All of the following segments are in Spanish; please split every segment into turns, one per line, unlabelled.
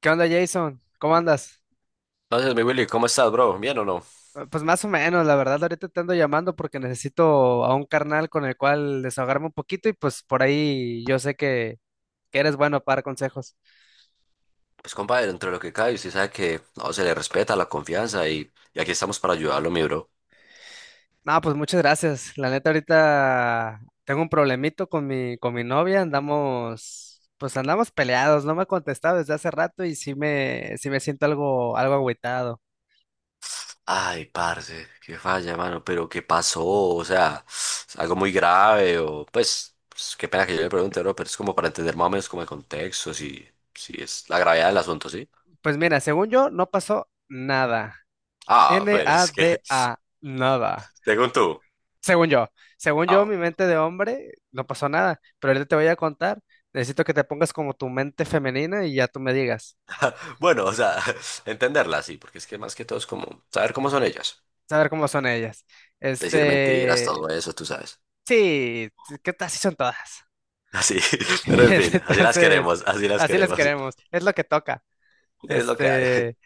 ¿Qué onda, Jason? ¿Cómo andas?
Entonces, mi Willy, ¿cómo estás, bro? ¿Bien o no?
Pues más o menos, la verdad, ahorita te ando llamando porque necesito a un carnal con el cual desahogarme un poquito y pues por ahí yo sé que eres bueno para dar consejos.
Pues, compadre, entre lo que cae, usted sabe que no se le respeta la confianza y aquí estamos para ayudarlo, mi bro.
No, pues muchas gracias. La neta, ahorita tengo un problemito con mi novia, andamos, pues andamos peleados, no me ha contestado desde hace rato y sí me siento algo agüitado.
Ay, parce, qué falla, mano, pero ¿qué pasó? O sea, ¿es algo muy grave o, pues, qué pena que yo le pregunte, bro, pero es como para entender más o menos como el contexto, si es la gravedad del asunto, ¿sí?
Pues mira, según yo, no pasó nada.
Ah, pero es que,
NADA, nada.
según tú.
Según yo, según yo,
Ah,
mi mente de hombre, no pasó nada, pero ahorita te voy a contar. Necesito que te pongas como tu mente femenina y ya tú me digas,
bueno, o sea, entenderla, sí, porque es que más que todo es como saber cómo son ellas,
saber cómo son ellas.
decir mentiras,
Este,
todo eso, tú sabes.
sí, ¿qué tal si son todas?
Así, pero en fin, así las
Entonces,
queremos, así las
así las
queremos.
queremos, es lo que toca.
Es lo que hay.
Este,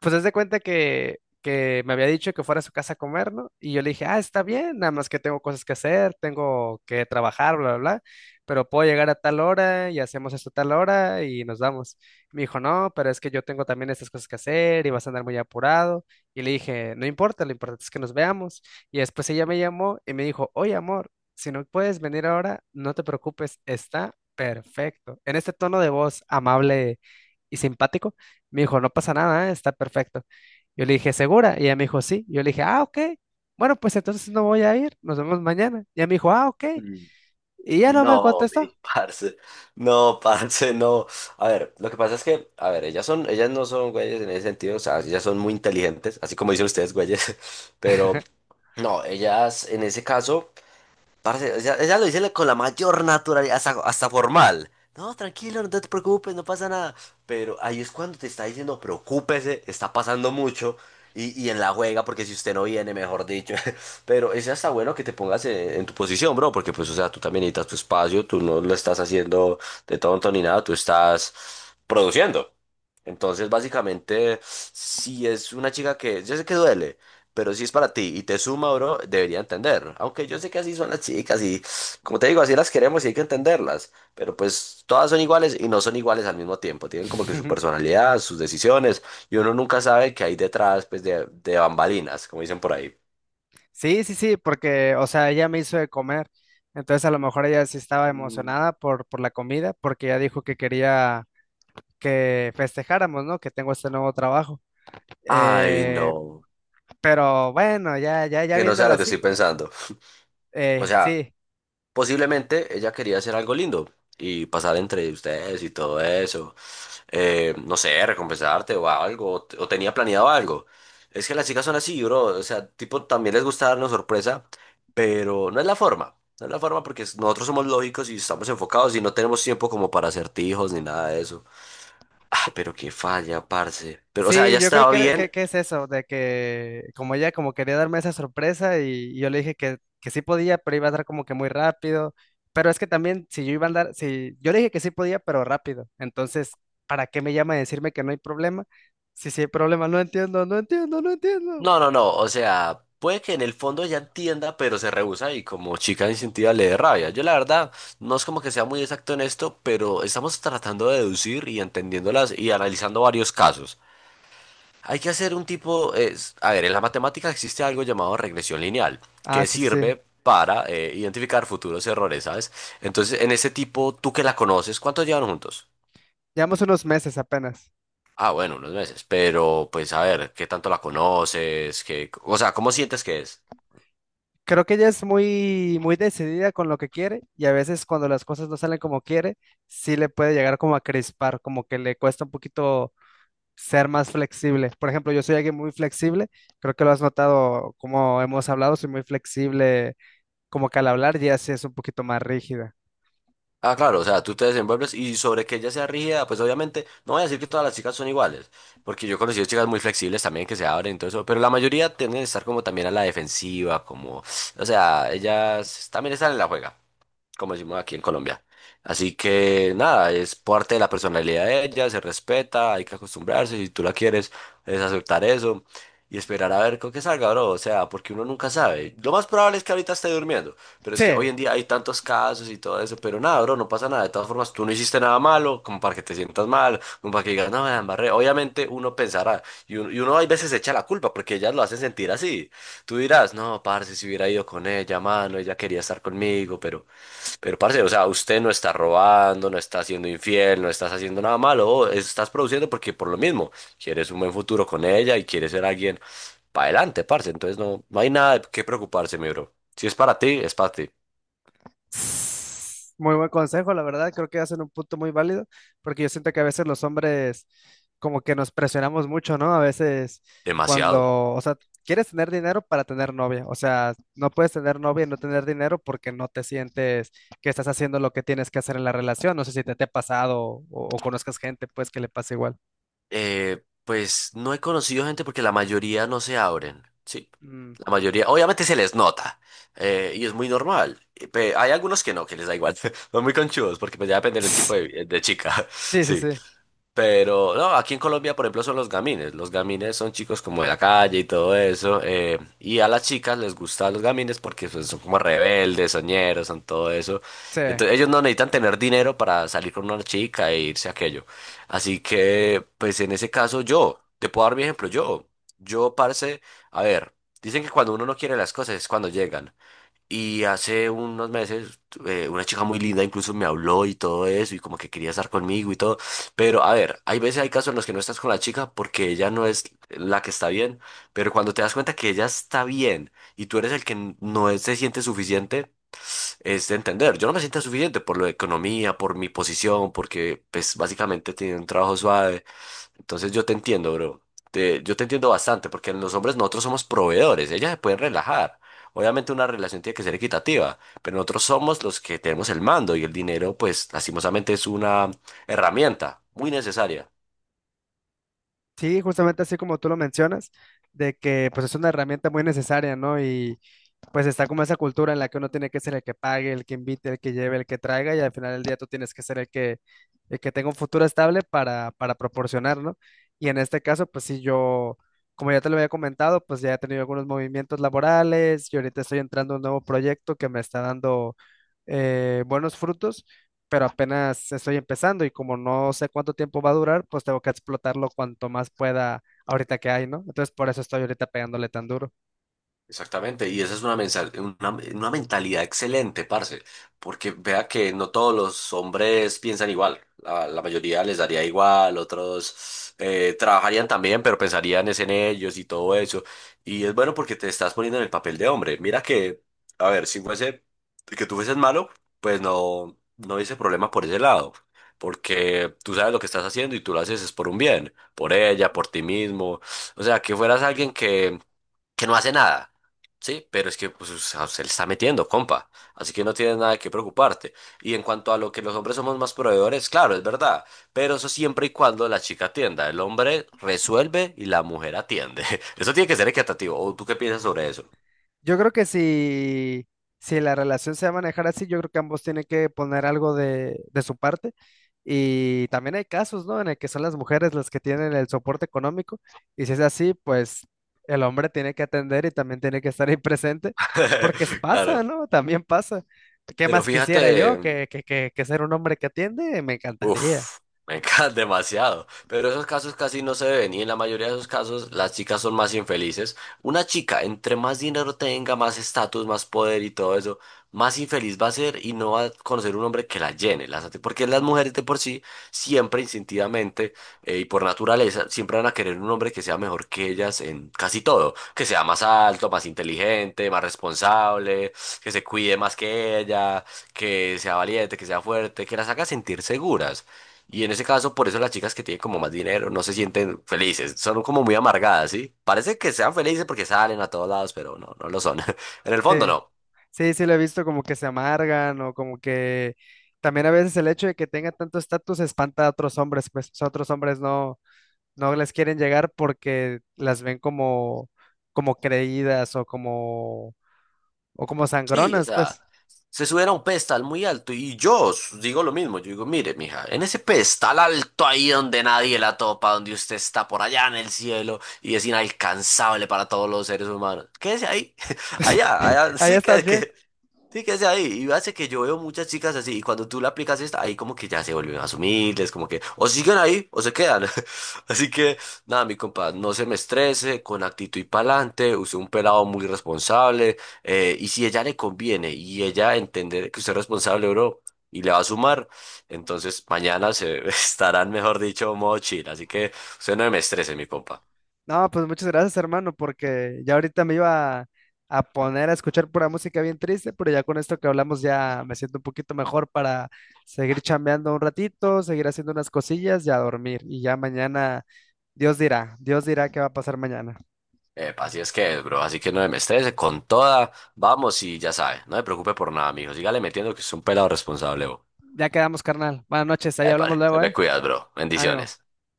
pues haz de cuenta que me había dicho que fuera a su casa a comer, ¿no? Y yo le dije, ah, está bien, nada más que tengo cosas que hacer, tengo que trabajar, bla, bla, bla, pero puedo llegar a tal hora y hacemos esto a tal hora y nos vamos. Me dijo, no, pero es que yo tengo también estas cosas que hacer y vas a andar muy apurado. Y le dije, no importa, lo importante es que nos veamos. Y después ella me llamó y me dijo, oye, amor, si no puedes venir ahora, no te preocupes, está perfecto. En este tono de voz amable y simpático. Me dijo, no pasa nada, ¿eh? Está perfecto. Yo le dije, ¿segura? Y ella me dijo, sí. Yo le dije, ah, ok. Bueno, pues entonces no voy a ir. Nos vemos mañana. Y ella me dijo, ah, ok.
Mm.
Y ya no me
No,
contestó.
mi parce, no, parce, no. A ver, lo que pasa es que, a ver, ellas son, ellas no son güeyes en ese sentido, o sea, ellas son muy inteligentes, así como dicen ustedes, güeyes, pero no, ellas en ese caso. Parce, ya, ella lo dice con la mayor naturalidad, hasta, hasta formal. No, tranquilo, no te preocupes, no pasa nada. Pero ahí es cuando te está diciendo, preocúpese, está pasando mucho. Y en la juega, porque si usted no viene, mejor dicho. Pero es hasta bueno que te pongas en tu posición, bro, porque pues, o sea, tú también necesitas tu espacio, tú no lo estás haciendo de tonto ni nada, tú estás produciendo. Entonces, básicamente, si es una chica que, yo sé que duele, pero si es para ti y te suma, bro, debería entender. Aunque yo sé que así son las chicas y, como te digo, así las queremos y hay que entenderlas. Pero pues todas son iguales y no son iguales al mismo tiempo. Tienen como que su personalidad, sus decisiones y uno nunca sabe qué hay detrás, pues, de bambalinas, como dicen por ahí.
Sí, sí, sí, porque, o sea, ella me hizo de comer. Entonces a lo mejor ella sí estaba
Mm.
emocionada por la comida, porque ella dijo que quería que festejáramos, ¿no? Que tengo este nuevo trabajo.
Ay,
Eh,
no.
pero bueno, ya
Que no sea
viéndola
lo que estoy
así,
pensando. O sea,
sí.
posiblemente ella quería hacer algo lindo y pasar entre ustedes y todo eso. No sé, recompensarte o algo, o, o tenía planeado algo. Es que las chicas son así, bro, o sea, tipo, también les gusta darnos sorpresa, pero no es la forma, no es la forma porque nosotros somos lógicos y estamos enfocados y no tenemos tiempo como para acertijos ni nada de eso. Ah, pero qué falla, parce. Pero, o sea, ella
Sí, yo creo
estaba bien.
que es eso, de que como ella como quería darme esa sorpresa y yo le dije que sí podía, pero iba a andar como que muy rápido. Pero es que también si yo iba a andar, si yo le dije que sí podía, pero rápido. Entonces, ¿para qué me llama a decirme que no hay problema? Sí, sí hay problema, no entiendo.
No, no, no. O sea, puede que en el fondo ella entienda, pero se rehúsa y como chica instintiva le dé rabia. Yo la verdad no es como que sea muy exacto en esto, pero estamos tratando de deducir y entendiéndolas y analizando varios casos. Hay que hacer un tipo, es, a ver, en la matemática existe algo llamado regresión lineal,
Ah,
que
sí, sí, sí.
sirve para identificar futuros errores, ¿sabes? Entonces, en ese tipo, tú que la conoces, ¿cuántos llevan juntos?
Llevamos unos meses apenas.
Ah, bueno, unos meses, pero pues a ver, ¿qué tanto la conoces? ¿Cómo sientes que es?
Creo que ella es muy decidida con lo que quiere y a veces cuando las cosas no salen como quiere, sí le puede llegar como a crispar, como que le cuesta un poquito ser más flexible. Por ejemplo, yo soy alguien muy flexible, creo que lo has notado como hemos hablado, soy muy flexible, como que al hablar ya sí es un poquito más rígida.
Ah, claro, o sea, tú te desenvuelves y sobre que ella sea rígida, pues obviamente, no voy a decir que todas las chicas son iguales, porque yo he conocido chicas muy flexibles también que se abren y todo eso, pero la mayoría tienden a estar como también a la defensiva, como, o sea, ellas también están en la juega como decimos aquí en Colombia. Así que nada, es parte de la personalidad de ella, se respeta, hay que acostumbrarse, si tú la quieres, es aceptar eso y esperar a ver con qué salga, bro, o sea, porque uno nunca sabe. Lo más probable es que ahorita esté durmiendo, pero es que hoy
Sí,
en día hay tantos casos y todo eso, pero nada, bro, no pasa nada, de todas formas, tú no hiciste nada malo, como para que te sientas mal, como para que digas, no, me la embarré. Obviamente uno pensará, y uno a veces se echa la culpa porque ellas lo hacen sentir así. Tú dirás, no, parce, si hubiera ido con ella, mano, ella quería estar conmigo, pero... Pero, parce, o sea, usted no está robando, no está siendo infiel, no estás haciendo nada malo, o estás produciendo porque por lo mismo quieres un buen futuro con ella y quieres ser alguien para adelante, parce. Entonces no, no hay nada de qué preocuparse, mi bro. Si es para ti, es para ti.
muy buen consejo, la verdad. Creo que hacen un punto muy válido, porque yo siento que a veces los hombres como que nos presionamos mucho, ¿no? A veces
Demasiado.
cuando, o sea, quieres tener dinero para tener novia. O sea, no puedes tener novia y no tener dinero porque no te sientes que estás haciendo lo que tienes que hacer en la relación. No sé si te ha pasado o conozcas gente, pues, que le pasa igual.
Pues no he conocido gente porque la mayoría no se abren, sí.
Mm.
La mayoría, obviamente se les nota y es muy normal. Hay algunos que no, que les da igual. Son muy conchudos porque pues ya depende del tipo
Sí,
de chica.
sí,
Sí.
sí,
Pero no, aquí en Colombia, por ejemplo, son los gamines. Los gamines son chicos como de la calle y todo eso. Y a las chicas les gustan los gamines porque pues, son como rebeldes, soñeros, son todo eso.
sí.
Entonces ellos no necesitan tener dinero para salir con una chica e irse a aquello. Así que, pues en ese caso yo, te puedo dar mi ejemplo, yo. Yo, parce, a ver, dicen que cuando uno no quiere las cosas es cuando llegan. Y hace unos meses una chica muy linda incluso me habló y todo eso y como que quería estar conmigo y todo. Pero a ver, hay veces, hay casos en los que no estás con la chica porque ella no es la que está bien. Pero cuando te das cuenta que ella está bien y tú eres el que n- no es- se siente suficiente, es de entender. Yo no me siento suficiente por lo de economía, por mi posición, porque pues básicamente tiene un trabajo suave. Entonces yo te entiendo, bro. Yo te entiendo bastante porque los hombres nosotros somos proveedores, ellas se pueden relajar. Obviamente una relación tiene que ser equitativa, pero nosotros somos los que tenemos el mando y el dinero, pues lastimosamente es una herramienta muy necesaria.
Sí, justamente así como tú lo mencionas, de que pues es una herramienta muy necesaria, ¿no? Y pues está como esa cultura en la que uno tiene que ser el que pague, el que invite, el que lleve, el que traiga, y al final del día tú tienes que ser el que tenga un futuro estable para proporcionar, ¿no? Y en este caso, pues sí, yo, como ya te lo había comentado, pues ya he tenido algunos movimientos laborales y ahorita estoy entrando a un nuevo proyecto que me está dando, buenos frutos, pero apenas estoy empezando y como no sé cuánto tiempo va a durar, pues tengo que explotarlo cuanto más pueda ahorita que hay, ¿no? Entonces por eso estoy ahorita pegándole tan duro.
Exactamente, y esa es una mentalidad excelente, parce, porque vea que no todos los hombres piensan igual, la mayoría les daría igual, otros trabajarían también, pero pensarían es en ellos y todo eso, y es bueno porque te estás poniendo en el papel de hombre, mira que, a ver, si fuese que tú fueses malo, pues no, no hubiese problema por ese lado, porque tú sabes lo que estás haciendo y tú lo haces es por un bien, por ella, por ti mismo. O sea, que fueras alguien que no hace nada. Sí, pero es que pues, o sea, se le está metiendo, compa. Así que no tienes nada que preocuparte. Y en cuanto a lo que los hombres somos más proveedores, claro, es verdad. Pero eso siempre y cuando la chica atienda. El hombre resuelve y la mujer atiende. Eso tiene que ser equitativo. ¿O tú qué piensas sobre eso?
Yo creo que si, si la relación se va a manejar así, yo creo que ambos tienen que poner algo de su parte. Y también hay casos, ¿no? En el que son las mujeres las que tienen el soporte económico. Y si es así, pues el hombre tiene que atender y también tiene que estar ahí presente, porque es- pasa,
Claro.
¿no? También pasa. ¿Qué
Pero
más quisiera yo
fíjate.
que ser un hombre que atiende? Me encantaría.
Uf, me encanta demasiado. Pero esos casos casi no se ven y en la mayoría de esos casos las chicas son más infelices. Una chica, entre más dinero tenga, más estatus, más poder y todo eso, más infeliz va a ser y no va a conocer un hombre que la llene. Porque las mujeres de por sí, siempre instintivamente y por naturaleza, siempre van a querer un hombre que sea mejor que ellas en casi todo. Que sea más alto, más inteligente, más responsable, que se cuide más que ellas, que sea valiente, que sea fuerte, que las haga sentir seguras. Y en ese caso, por eso las chicas que tienen como más dinero no se sienten felices, son como muy amargadas, ¿sí? Parece que sean felices porque salen a todos lados, pero no, no lo son. En el fondo
Sí.
no.
Sí, sí, lo he visto como que se amargan o como que también a veces el hecho de que tenga tanto estatus espanta a otros hombres, pues o sea, otros hombres no, no les quieren llegar porque las ven como, como creídas o como
Sí, o
sangronas,
sea,
pues.
se suben a un pedestal muy alto y yo digo lo mismo, yo digo, mire, mija, en ese pedestal alto ahí donde nadie la topa, donde usted está por allá en el cielo y es inalcanzable para todos los seres humanos, quédese ahí, allá,
Pues
allá,
ahí
sí,
estás bien.
sí, quédese ahí. Y hace que yo veo muchas chicas así y cuando tú le aplicas esta, ahí como que ya se vuelven más humildes, como que o siguen ahí o se quedan. Así que, nada, mi compa, no se me estrese, con actitud y pa'lante, usted es un pelado muy responsable. Y si ella le conviene y ella entender que usted es responsable, bro, y le va a sumar, entonces mañana se estarán, mejor dicho, modo chill. Así que usted no me estrese, mi compa.
No, pues muchas gracias, hermano, porque ya ahorita me iba a, poner a escuchar pura música bien triste, pero ya con esto que hablamos ya me siento un poquito mejor para seguir chambeando un ratito, seguir haciendo unas cosillas y a dormir. Y ya mañana, Dios dirá qué va a pasar mañana.
Epa, así es que es, bro. Así que no me estrese. Con toda, vamos y ya sabe. No me preocupe por nada, mijo. Sígale metiendo que es un pelado responsable, bro.
Ya quedamos, carnal. Buenas noches, ahí
Epa,
hablamos
se
luego,
me
¿eh?
cuidas, bro.
Ánimo.
Bendiciones.